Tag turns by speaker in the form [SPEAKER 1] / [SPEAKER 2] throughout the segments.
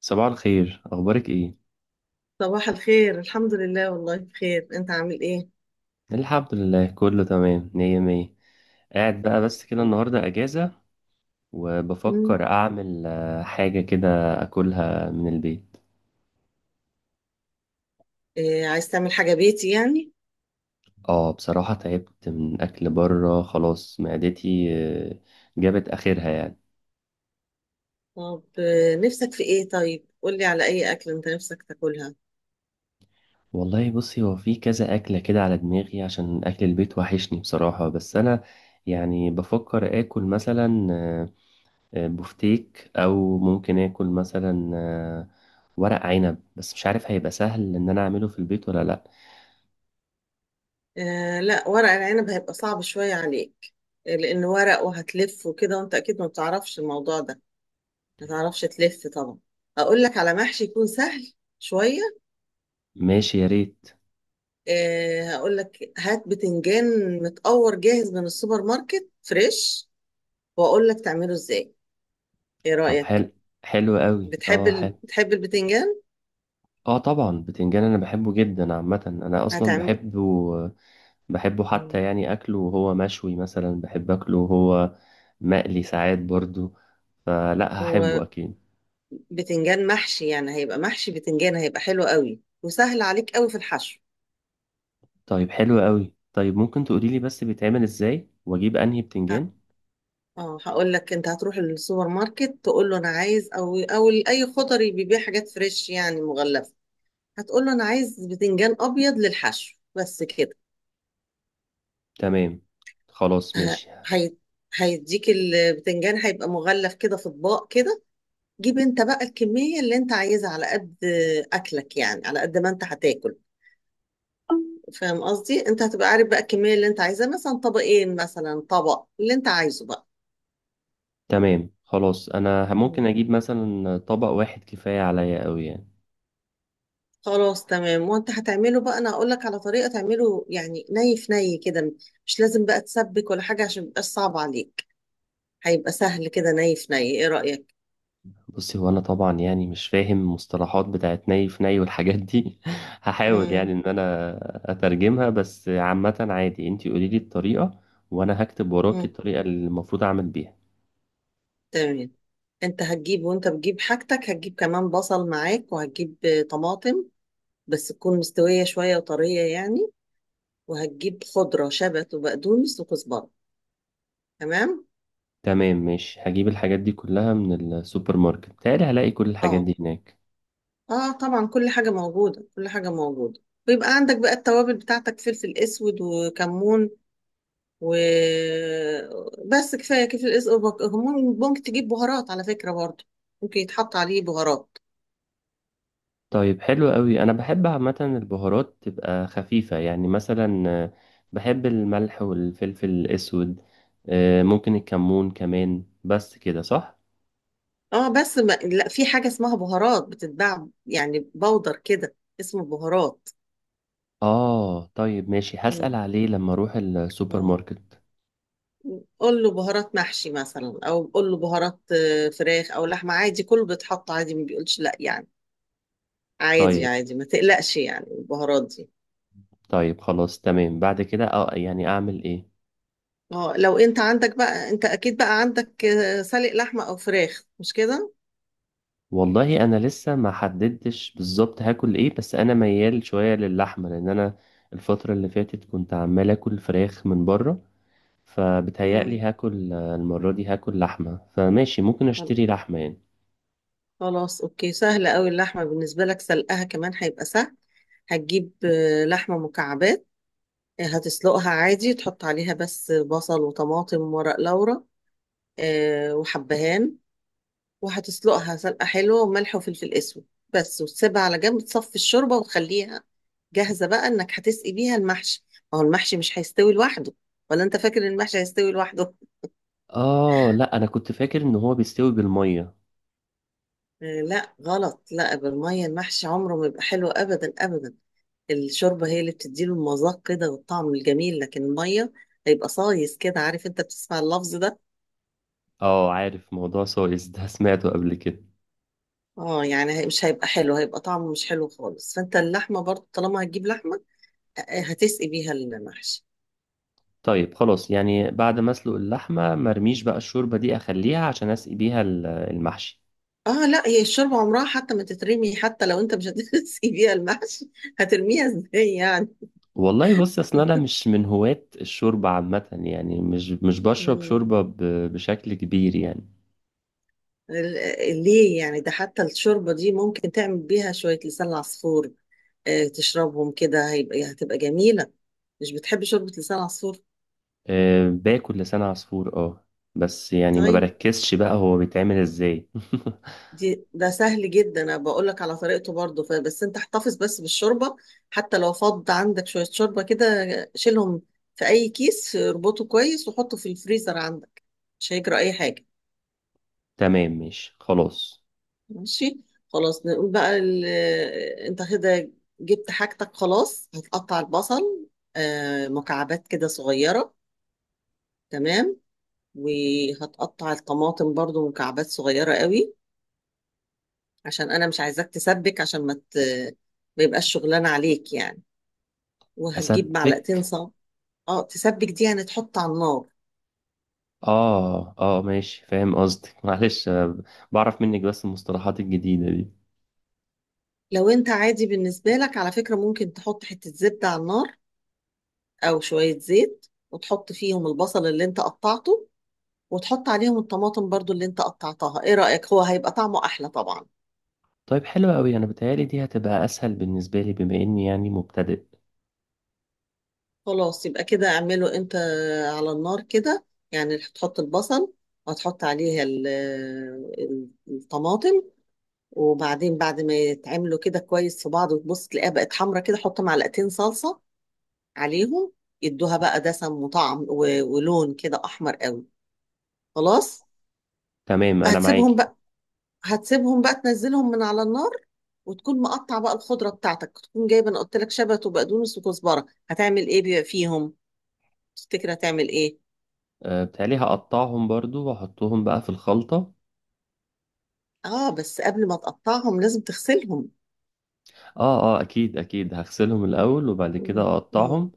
[SPEAKER 1] صباح الخير، اخبارك ايه؟
[SPEAKER 2] صباح الخير، الحمد لله، والله بخير. انت عامل ايه؟
[SPEAKER 1] الحمد لله، كله تمام، مية مية. قاعد بقى بس كده،
[SPEAKER 2] أو.
[SPEAKER 1] النهارده اجازة.
[SPEAKER 2] مم.
[SPEAKER 1] وبفكر اعمل حاجة كده. اكلها من البيت.
[SPEAKER 2] إيه، عايز تعمل حاجة بيتي يعني؟
[SPEAKER 1] اه، بصراحة تعبت من اكل بره، خلاص معدتي آه، جابت اخرها يعني.
[SPEAKER 2] طب نفسك في ايه؟ طيب، قولي على اي اكل انت نفسك تاكلها.
[SPEAKER 1] والله بصي، هو في كذا اكلة كده على دماغي، عشان اكل البيت وحشني بصراحة، بس انا يعني بفكر اكل مثلا بفتيك او ممكن اكل مثلا ورق عنب، بس مش عارف هيبقى سهل ان انا اعمله في البيت ولا لا؟
[SPEAKER 2] آه لا، ورق العنب هيبقى صعب شوية عليك. لان ورق وهتلف وكده، وانت اكيد ما بتعرفش الموضوع ده، ما تعرفش تلف طبعا. هقول لك على محشي يكون سهل شوية.
[SPEAKER 1] ماشي، يا ريت.
[SPEAKER 2] آه، هقول لك هات بتنجان متقور جاهز من السوبر ماركت فريش، واقول لك تعمله ازاي. ايه
[SPEAKER 1] طب،
[SPEAKER 2] رأيك؟
[SPEAKER 1] حلو. حلو قوي،
[SPEAKER 2] بتحب
[SPEAKER 1] اه حلو.
[SPEAKER 2] بتحب البتنجان؟
[SPEAKER 1] اه طبعا، بتنجان انا بحبه جدا، عامه انا اصلا
[SPEAKER 2] هتعمل.
[SPEAKER 1] بحبه. بحبه حتى،
[SPEAKER 2] مم.
[SPEAKER 1] يعني اكله وهو مشوي مثلا، بحب اكله وهو مقلي ساعات برضو. فلا هحبه
[SPEAKER 2] هو
[SPEAKER 1] اكيد.
[SPEAKER 2] بتنجان محشي، يعني هيبقى محشي بتنجان، هيبقى حلو قوي وسهل عليك قوي في الحشو.
[SPEAKER 1] طيب حلو قوي، طيب ممكن تقولي لي بس بيتعمل ازاي، واجيب انهي
[SPEAKER 2] ه-
[SPEAKER 1] بتنجان؟
[SPEAKER 2] اه، هقول لك انت هتروح السوبر ماركت، تقول له انا عايز، او اي خضري بيبيع حاجات فريش يعني مغلفه، هتقول له انا عايز بتنجان ابيض للحشو، بس كده.
[SPEAKER 1] تمام، خلاص،
[SPEAKER 2] ه-
[SPEAKER 1] ماشي.
[SPEAKER 2] هي... هيديك البتنجان، هيبقى مغلف كده في اطباق كده. جيب انت بقى الكميه اللي انت عايزها على قد اكلك، يعني على قد ما انت هتاكل. فاهم قصدي؟ انت هتبقى عارف بقى الكميه اللي انت عايزاه، مثلا طبقين، مثلا طبق، اللي انت عايزه بقى.
[SPEAKER 1] تمام خلاص، انا ممكن
[SPEAKER 2] مم.
[SPEAKER 1] اجيب مثلا طبق واحد، كفايه عليا قوي يعني.
[SPEAKER 2] خلاص تمام. وانت هتعمله بقى انا هقول لك على طريقه تعمله، يعني ني في ني كده، مش لازم بقى تسبك ولا حاجه عشان ميبقاش صعب عليك. هيبقى سهل كده، ني في ني. ايه رايك؟
[SPEAKER 1] بصي، هو انا طبعا يعني مش فاهم مصطلحات بتاعت ني في ني والحاجات دي هحاول يعني
[SPEAKER 2] مم.
[SPEAKER 1] ان انا اترجمها، بس عامة عادي انتي قولي لي الطريقة وانا هكتب وراكي
[SPEAKER 2] مم.
[SPEAKER 1] الطريقة اللي المفروض اعمل بيها.
[SPEAKER 2] تمام. انت هتجيب، وانت بتجيب حاجتك هتجيب كمان بصل معاك، وهتجيب طماطم، بس تكون مستويه شويه وطريه يعني، وهتجيب خضره، شبت وبقدونس وكزبره. تمام.
[SPEAKER 1] تمام ماشي، هجيب الحاجات دي كلها من السوبر ماركت، بتهيألي هلاقي كل الحاجات
[SPEAKER 2] اه،
[SPEAKER 1] دي هناك.
[SPEAKER 2] اه طبعا، كل حاجة موجودة كل حاجة موجودة. ويبقى عندك بقى التوابل بتاعتك، فلفل اسود وكمون، وبس، كفاية كفاية الاسود وك- كمون. ممكن تجيب بهارات على فكرة برضه، ممكن يتحط عليه بهارات.
[SPEAKER 1] طيب حلو قوي، انا بحب عامة البهارات تبقى خفيفة، يعني مثلا بحب الملح والفلفل الاسود، ممكن الكمون كمان، بس كده صح؟
[SPEAKER 2] اه بس ما... لا، في حاجة اسمها بهارات بتتباع يعني بودر كده، اسمه بهارات.
[SPEAKER 1] اه طيب ماشي، هسأل
[SPEAKER 2] مم.
[SPEAKER 1] عليه لما اروح السوبر
[SPEAKER 2] اه،
[SPEAKER 1] ماركت.
[SPEAKER 2] قول له بهارات محشي مثلا، او قول له بهارات فراخ او لحمة، عادي، كله بيتحط عادي، ما بيقولش لا يعني. عادي
[SPEAKER 1] طيب.
[SPEAKER 2] عادي، ما تقلقش يعني البهارات دي.
[SPEAKER 1] طيب خلاص تمام، بعد كده اه يعني اعمل ايه؟
[SPEAKER 2] اه، لو انت عندك بقى، انت اكيد بقى عندك سلق لحمه او فراخ، مش كده؟
[SPEAKER 1] والله انا لسه ما حددتش بالظبط هاكل ايه، بس انا ميال شوية للحمة، لان انا الفترة اللي فاتت كنت عمال اكل فراخ من بره، فبتهيألي
[SPEAKER 2] مم.
[SPEAKER 1] هاكل المرة دي هاكل لحمة، فماشي ممكن
[SPEAKER 2] خل-
[SPEAKER 1] اشتري لحمة يعني.
[SPEAKER 2] خلاص، اوكي، سهله قوي اللحمه بالنسبه لك، سلقها كمان هيبقى سهل. هتجيب لحمه مكعبات، هتسلقها عادي، تحط عليها بس بصل وطماطم وورق لورا وحبهان، وهتسلقها سلقه حلوه، وملح وفلفل اسود، بس، وتسيبها على جنب، تصفي الشوربه وتخليها جاهزه بقى، انك هتسقي بيها المحشي. ما هو المحشي مش هيستوي لوحده. ولا انت فاكر إن المحشي هيستوي لوحده؟
[SPEAKER 1] اه لا، انا كنت فاكر ان هو بيستوي بالمية.
[SPEAKER 2] لا غلط، لا بالمية المحشي عمره ما يبقى حلو، أبدا أبدا. الشوربة هي اللي بتديله المذاق كده والطعم الجميل، لكن المية هيبقى صايص كده، عارف؟ انت بتسمع اللفظ ده.
[SPEAKER 1] اه عارف، موضوع سويس ده سمعته قبل كده.
[SPEAKER 2] اه يعني مش هيبقى حلو، هيبقى طعمه مش حلو خالص. فانت اللحمة برضه طالما هتجيب لحمة هتسقي بيها المحشي.
[SPEAKER 1] طيب خلاص، يعني بعد ما اسلق اللحمه مرميش بقى الشوربه دي، اخليها عشان اسقي بيها المحشي.
[SPEAKER 2] اه لا، هي الشوربة عمرها حتى ما تترمي، حتى لو انت مش هتسقي بيها المحشي، هترميها ازاي يعني؟
[SPEAKER 1] والله بص، اصل انا مش من هواة الشوربه عامه يعني، مش بشرب
[SPEAKER 2] مم.
[SPEAKER 1] شوربه بشكل كبير يعني.
[SPEAKER 2] ليه يعني؟ ده حتى الشوربة دي ممكن تعمل بيها شوية لسان عصفور، تشربهم كده، هيبقى يعني هتبقى جميلة. مش بتحب شوربة لسان عصفور؟
[SPEAKER 1] أه باكل لسان عصفور، اه. بس يعني ما
[SPEAKER 2] طيب،
[SPEAKER 1] بركزش بقى هو بيتعمل ازاي.
[SPEAKER 2] ده سهل جدا، انا بقول لك على طريقته برضه، بس انت احتفظ بس بالشوربة، حتى لو فض عندك شوية شوربة كده، شيلهم في اي كيس، اربطه كويس وحطه في الفريزر عندك، مش هيجرى اي حاجة.
[SPEAKER 1] تمام ماشي خلاص.
[SPEAKER 2] ماشي. خلاص، نقول بقى انت كده جبت حاجتك، خلاص هتقطع البصل مكعبات كده صغيرة، تمام، وهتقطع الطماطم برضو مكعبات صغيرة قوي، عشان أنا مش عايزاك تسبك، عشان ما يبقاش شغلان عليك يعني. وهتجيب معلقتين
[SPEAKER 1] اسبك؟
[SPEAKER 2] صب. اه تسبك، دي يعني تحط على النار.
[SPEAKER 1] اه اه ماشي، فاهم قصدك معلش، بعرف منك بس المصطلحات الجديده.
[SPEAKER 2] لو انت عادي بالنسبة لك على فكرة، ممكن تحط حتة زبدة على النار أو شوية زيت، وتحط فيهم البصل اللي انت قطعته، وتحط عليهم الطماطم برضو اللي انت قطعتها. ايه رأيك؟ هو هيبقى طعمه أحلى طبعا.
[SPEAKER 1] طيب حلو أوي، أنا بتهيألي دي هتبقى أسهل بالنسبة لي، بما إني يعني مبتدئ.
[SPEAKER 2] خلاص، يبقى كده اعمله انت على النار كده، يعني هتحط البصل، وهتحط عليها الطماطم. وبعدين بعد ما يتعملوا كده كويس في بعض، وتبص تلاقيها بقت حمرا كده، حط معلقتين صلصة عليهم، يدوها بقى دسم وطعم ولون كده احمر قوي، خلاص.
[SPEAKER 1] تمام، أنا
[SPEAKER 2] هتسيبهم
[SPEAKER 1] معاكي.
[SPEAKER 2] بقى، هتسيبهم بقى تنزلهم من على النار، وتكون مقطع بقى الخضرة بتاعتك، تكون جايبة، انا قلت لك شبت وبقدونس وكزبرة. هتعمل ايه بيبقى فيهم، تفتكر هتعمل ايه؟
[SPEAKER 1] أه بتهيألي هقطعهم برضو، وأحطهم بقى في الخلطة.
[SPEAKER 2] اه بس قبل ما تقطعهم لازم تغسلهم.
[SPEAKER 1] آه آه، أكيد أكيد، هغسلهم الأول وبعد كده
[SPEAKER 2] مم. مم.
[SPEAKER 1] أقطعهم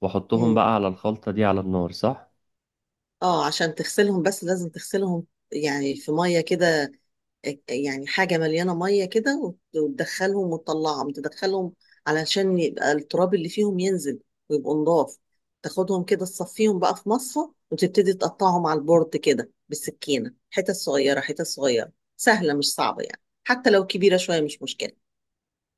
[SPEAKER 1] وأحطهم
[SPEAKER 2] مم.
[SPEAKER 1] بقى على الخلطة دي على النار، صح؟
[SPEAKER 2] اه، عشان تغسلهم بس لازم تغسلهم، يعني في ميه كده، يعني حاجه مليانه ميه كده، وت- وتدخلهم وتطلعهم تدخلهم، علشان يبقى التراب اللي فيهم ينزل، ويبقوا نضاف. تاخدهم كده، تصفيهم بقى في مصفى، وتبتدي تقطعهم على البورد كده بالسكينه، حتت صغيره حتت صغيره، سهله مش صعبه يعني، حتى لو كبيره شويه مش مشكله.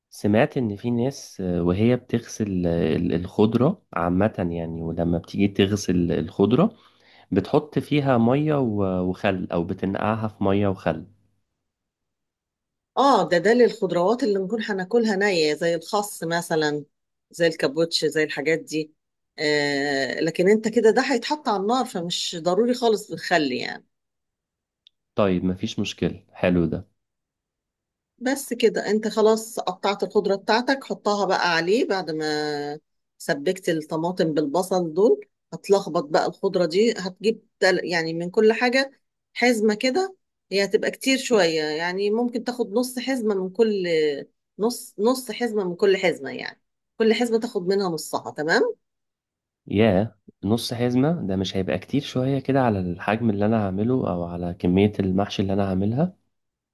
[SPEAKER 1] سمعت إن في ناس وهي بتغسل الخضرة عامة يعني، ولما بتيجي تغسل الخضرة بتحط فيها مية وخل أو بتنقعها في مية وخل.
[SPEAKER 2] اه، ده للخضروات اللي نكون هناكلها نية، زي الخس مثلا، زي الكابوتش، زي الحاجات دي. آه، لكن انت كده ده هيتحط على النار، فمش ضروري خالص بتخلي يعني.
[SPEAKER 1] طيب مفيش مشكلة، حلو ده.
[SPEAKER 2] بس كده، انت خلاص قطعت الخضرة بتاعتك، حطها بقى عليه بعد ما سبكت الطماطم بالبصل دول. هتلخبط بقى الخضرة دي، هتجيب يعني من كل حاجة حزمة كده، هي هتبقى كتير شوية يعني، ممكن تاخد نص حزمة من كل، نص نص حزمة من كل حزمة يعني، كل حزمة تاخد منها نصها، تمام.
[SPEAKER 1] ياه، نص حزمة ده مش هيبقى كتير شوية كده على الحجم اللي أنا هعمله، أو على كمية المحشي اللي أنا هعملها؟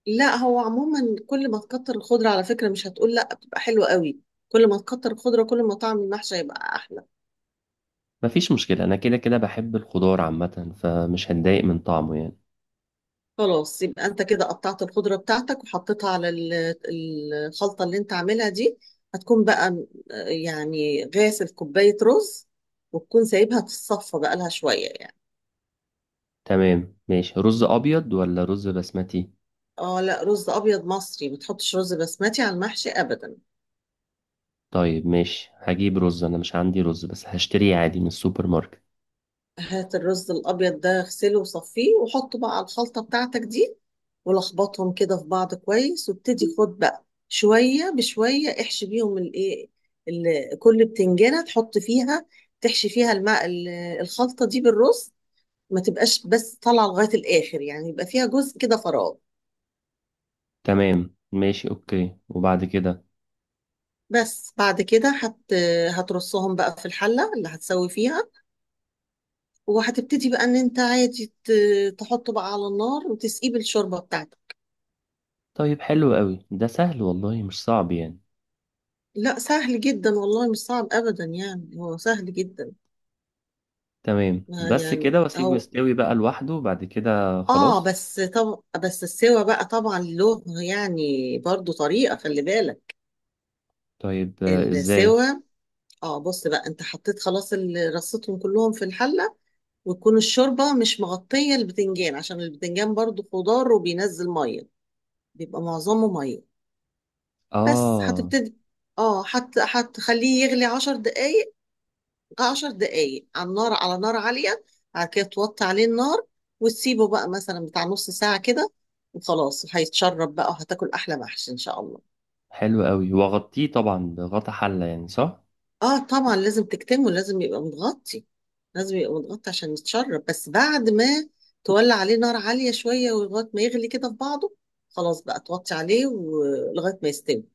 [SPEAKER 2] لا، هو عموما كل ما تكتر الخضرة على فكرة، مش هتقول لا، بتبقى حلوة قوي، كل ما تكتر الخضرة كل ما طعم المحشي هيبقى أحلى.
[SPEAKER 1] مفيش مشكلة، أنا كده كده بحب الخضار عامة، فمش هتضايق من طعمه يعني.
[SPEAKER 2] خلاص، يبقى انت كده قطعت الخضرة بتاعتك وحطيتها على الخلطة اللي انت عاملها دي. هتكون بقى يعني غاسل كوباية رز، وتكون سايبها تتصفى بقى لها شوية يعني.
[SPEAKER 1] تمام ماشي، رز أبيض ولا رز بسمتي؟
[SPEAKER 2] اه لا، رز ابيض مصري، ما تحطش رز بسمتي على المحشي ابدا.
[SPEAKER 1] طيب ماشي، هجيب رز، أنا مش عندي رز بس هشتريه عادي من السوبر ماركت.
[SPEAKER 2] هات الرز الابيض ده، اغسله وصفيه، وحطه بقى على الخلطه بتاعتك دي، ولخبطهم كده في بعض كويس، وابتدي خد بقى شويه بشويه، احشي بيهم الايه، كل بتنجانه تحط فيها، تحشي فيها الماء الخلطه دي بالرز. ما تبقاش بس طالعه لغايه الاخر يعني، يبقى فيها جزء كده فراغ.
[SPEAKER 1] تمام ماشي أوكي، وبعد كده؟
[SPEAKER 2] بس بعد كده هترصهم بقى في الحله اللي هتسوي فيها، وهتبتدي بقى ان انت عادي تحطه بقى على النار، وتسقيه بالشوربه بتاعتك.
[SPEAKER 1] طيب حلو قوي، ده سهل والله، مش صعب يعني.
[SPEAKER 2] لا سهل جدا والله، مش صعب ابدا يعني، هو سهل جدا.
[SPEAKER 1] تمام،
[SPEAKER 2] ما
[SPEAKER 1] بس
[SPEAKER 2] يعني
[SPEAKER 1] كده وأسيبه
[SPEAKER 2] او،
[SPEAKER 1] يستوي بقى لوحده بعد كده
[SPEAKER 2] اه
[SPEAKER 1] خلاص؟
[SPEAKER 2] بس، طب بس السوا بقى طبعا له يعني برضو طريقة، خلي بالك.
[SPEAKER 1] طيب إزاي؟
[SPEAKER 2] السوا، اه، بص بقى، انت حطيت خلاص رصيتهم كلهم في الحلة، وتكون الشوربة مش مغطية البتنجان، عشان البتنجان برضو خضار وبينزل مية، بيبقى معظمه مية. بس
[SPEAKER 1] اه.
[SPEAKER 2] هتبتدي، اه هتخليه يغلي 10 دقايق، 10 دقايق على النار، على نار عالية، بعد كده توطي عليه النار، وتسيبه بقى مثلا بتاع نص ساعة كده، وخلاص هيتشرب بقى، وهتاكل أحلى محشي إن شاء الله.
[SPEAKER 1] حلو قوي، واغطيه طبعا بغطا حلة، يعني صح؟
[SPEAKER 2] اه طبعا، لازم تكتمه، لازم يبقى متغطي، لازم يبقى متغطي عشان يتشرب. بس بعد ما تولع عليه نار عالية شوية، ولغاية ما يغلي كده في بعضه، خلاص بقى توطي عليه ولغاية ما يستوي.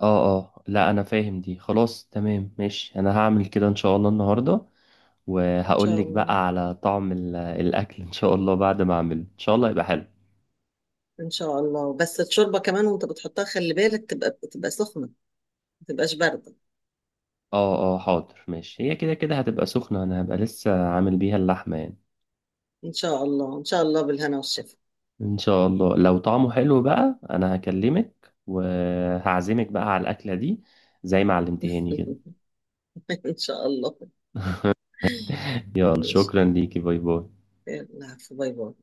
[SPEAKER 1] اه اه لا، انا فاهم دي خلاص، تمام ماشي، انا هعمل كده ان شاء الله النهارده،
[SPEAKER 2] إن
[SPEAKER 1] وهقول
[SPEAKER 2] شاء
[SPEAKER 1] لك
[SPEAKER 2] الله،
[SPEAKER 1] بقى على طعم ال- الاكل ان شاء الله، بعد ما اعمله ان شاء الله يبقى حلو.
[SPEAKER 2] إن شاء الله. بس الشوربة كمان وأنت بتحطها خلي بالك تبقى، تبقى سخنة، ما تبقاش باردة.
[SPEAKER 1] اه اه حاضر ماشي، هي كده كده هتبقى سخنة، انا هبقى لسه عامل بيها اللحمة يعني.
[SPEAKER 2] إن شاء الله إن شاء الله، بالهنا والشفا.
[SPEAKER 1] ان شاء الله لو طعمه حلو بقى، انا هكلمك وهعزمك بقى على الاكلة دي، زي ما علمتهاني كده.
[SPEAKER 2] إن شاء الله.
[SPEAKER 1] يلا
[SPEAKER 2] ماشي.
[SPEAKER 1] شكرا ليكي، باي باي.
[SPEAKER 2] يلا عفو، باي باي.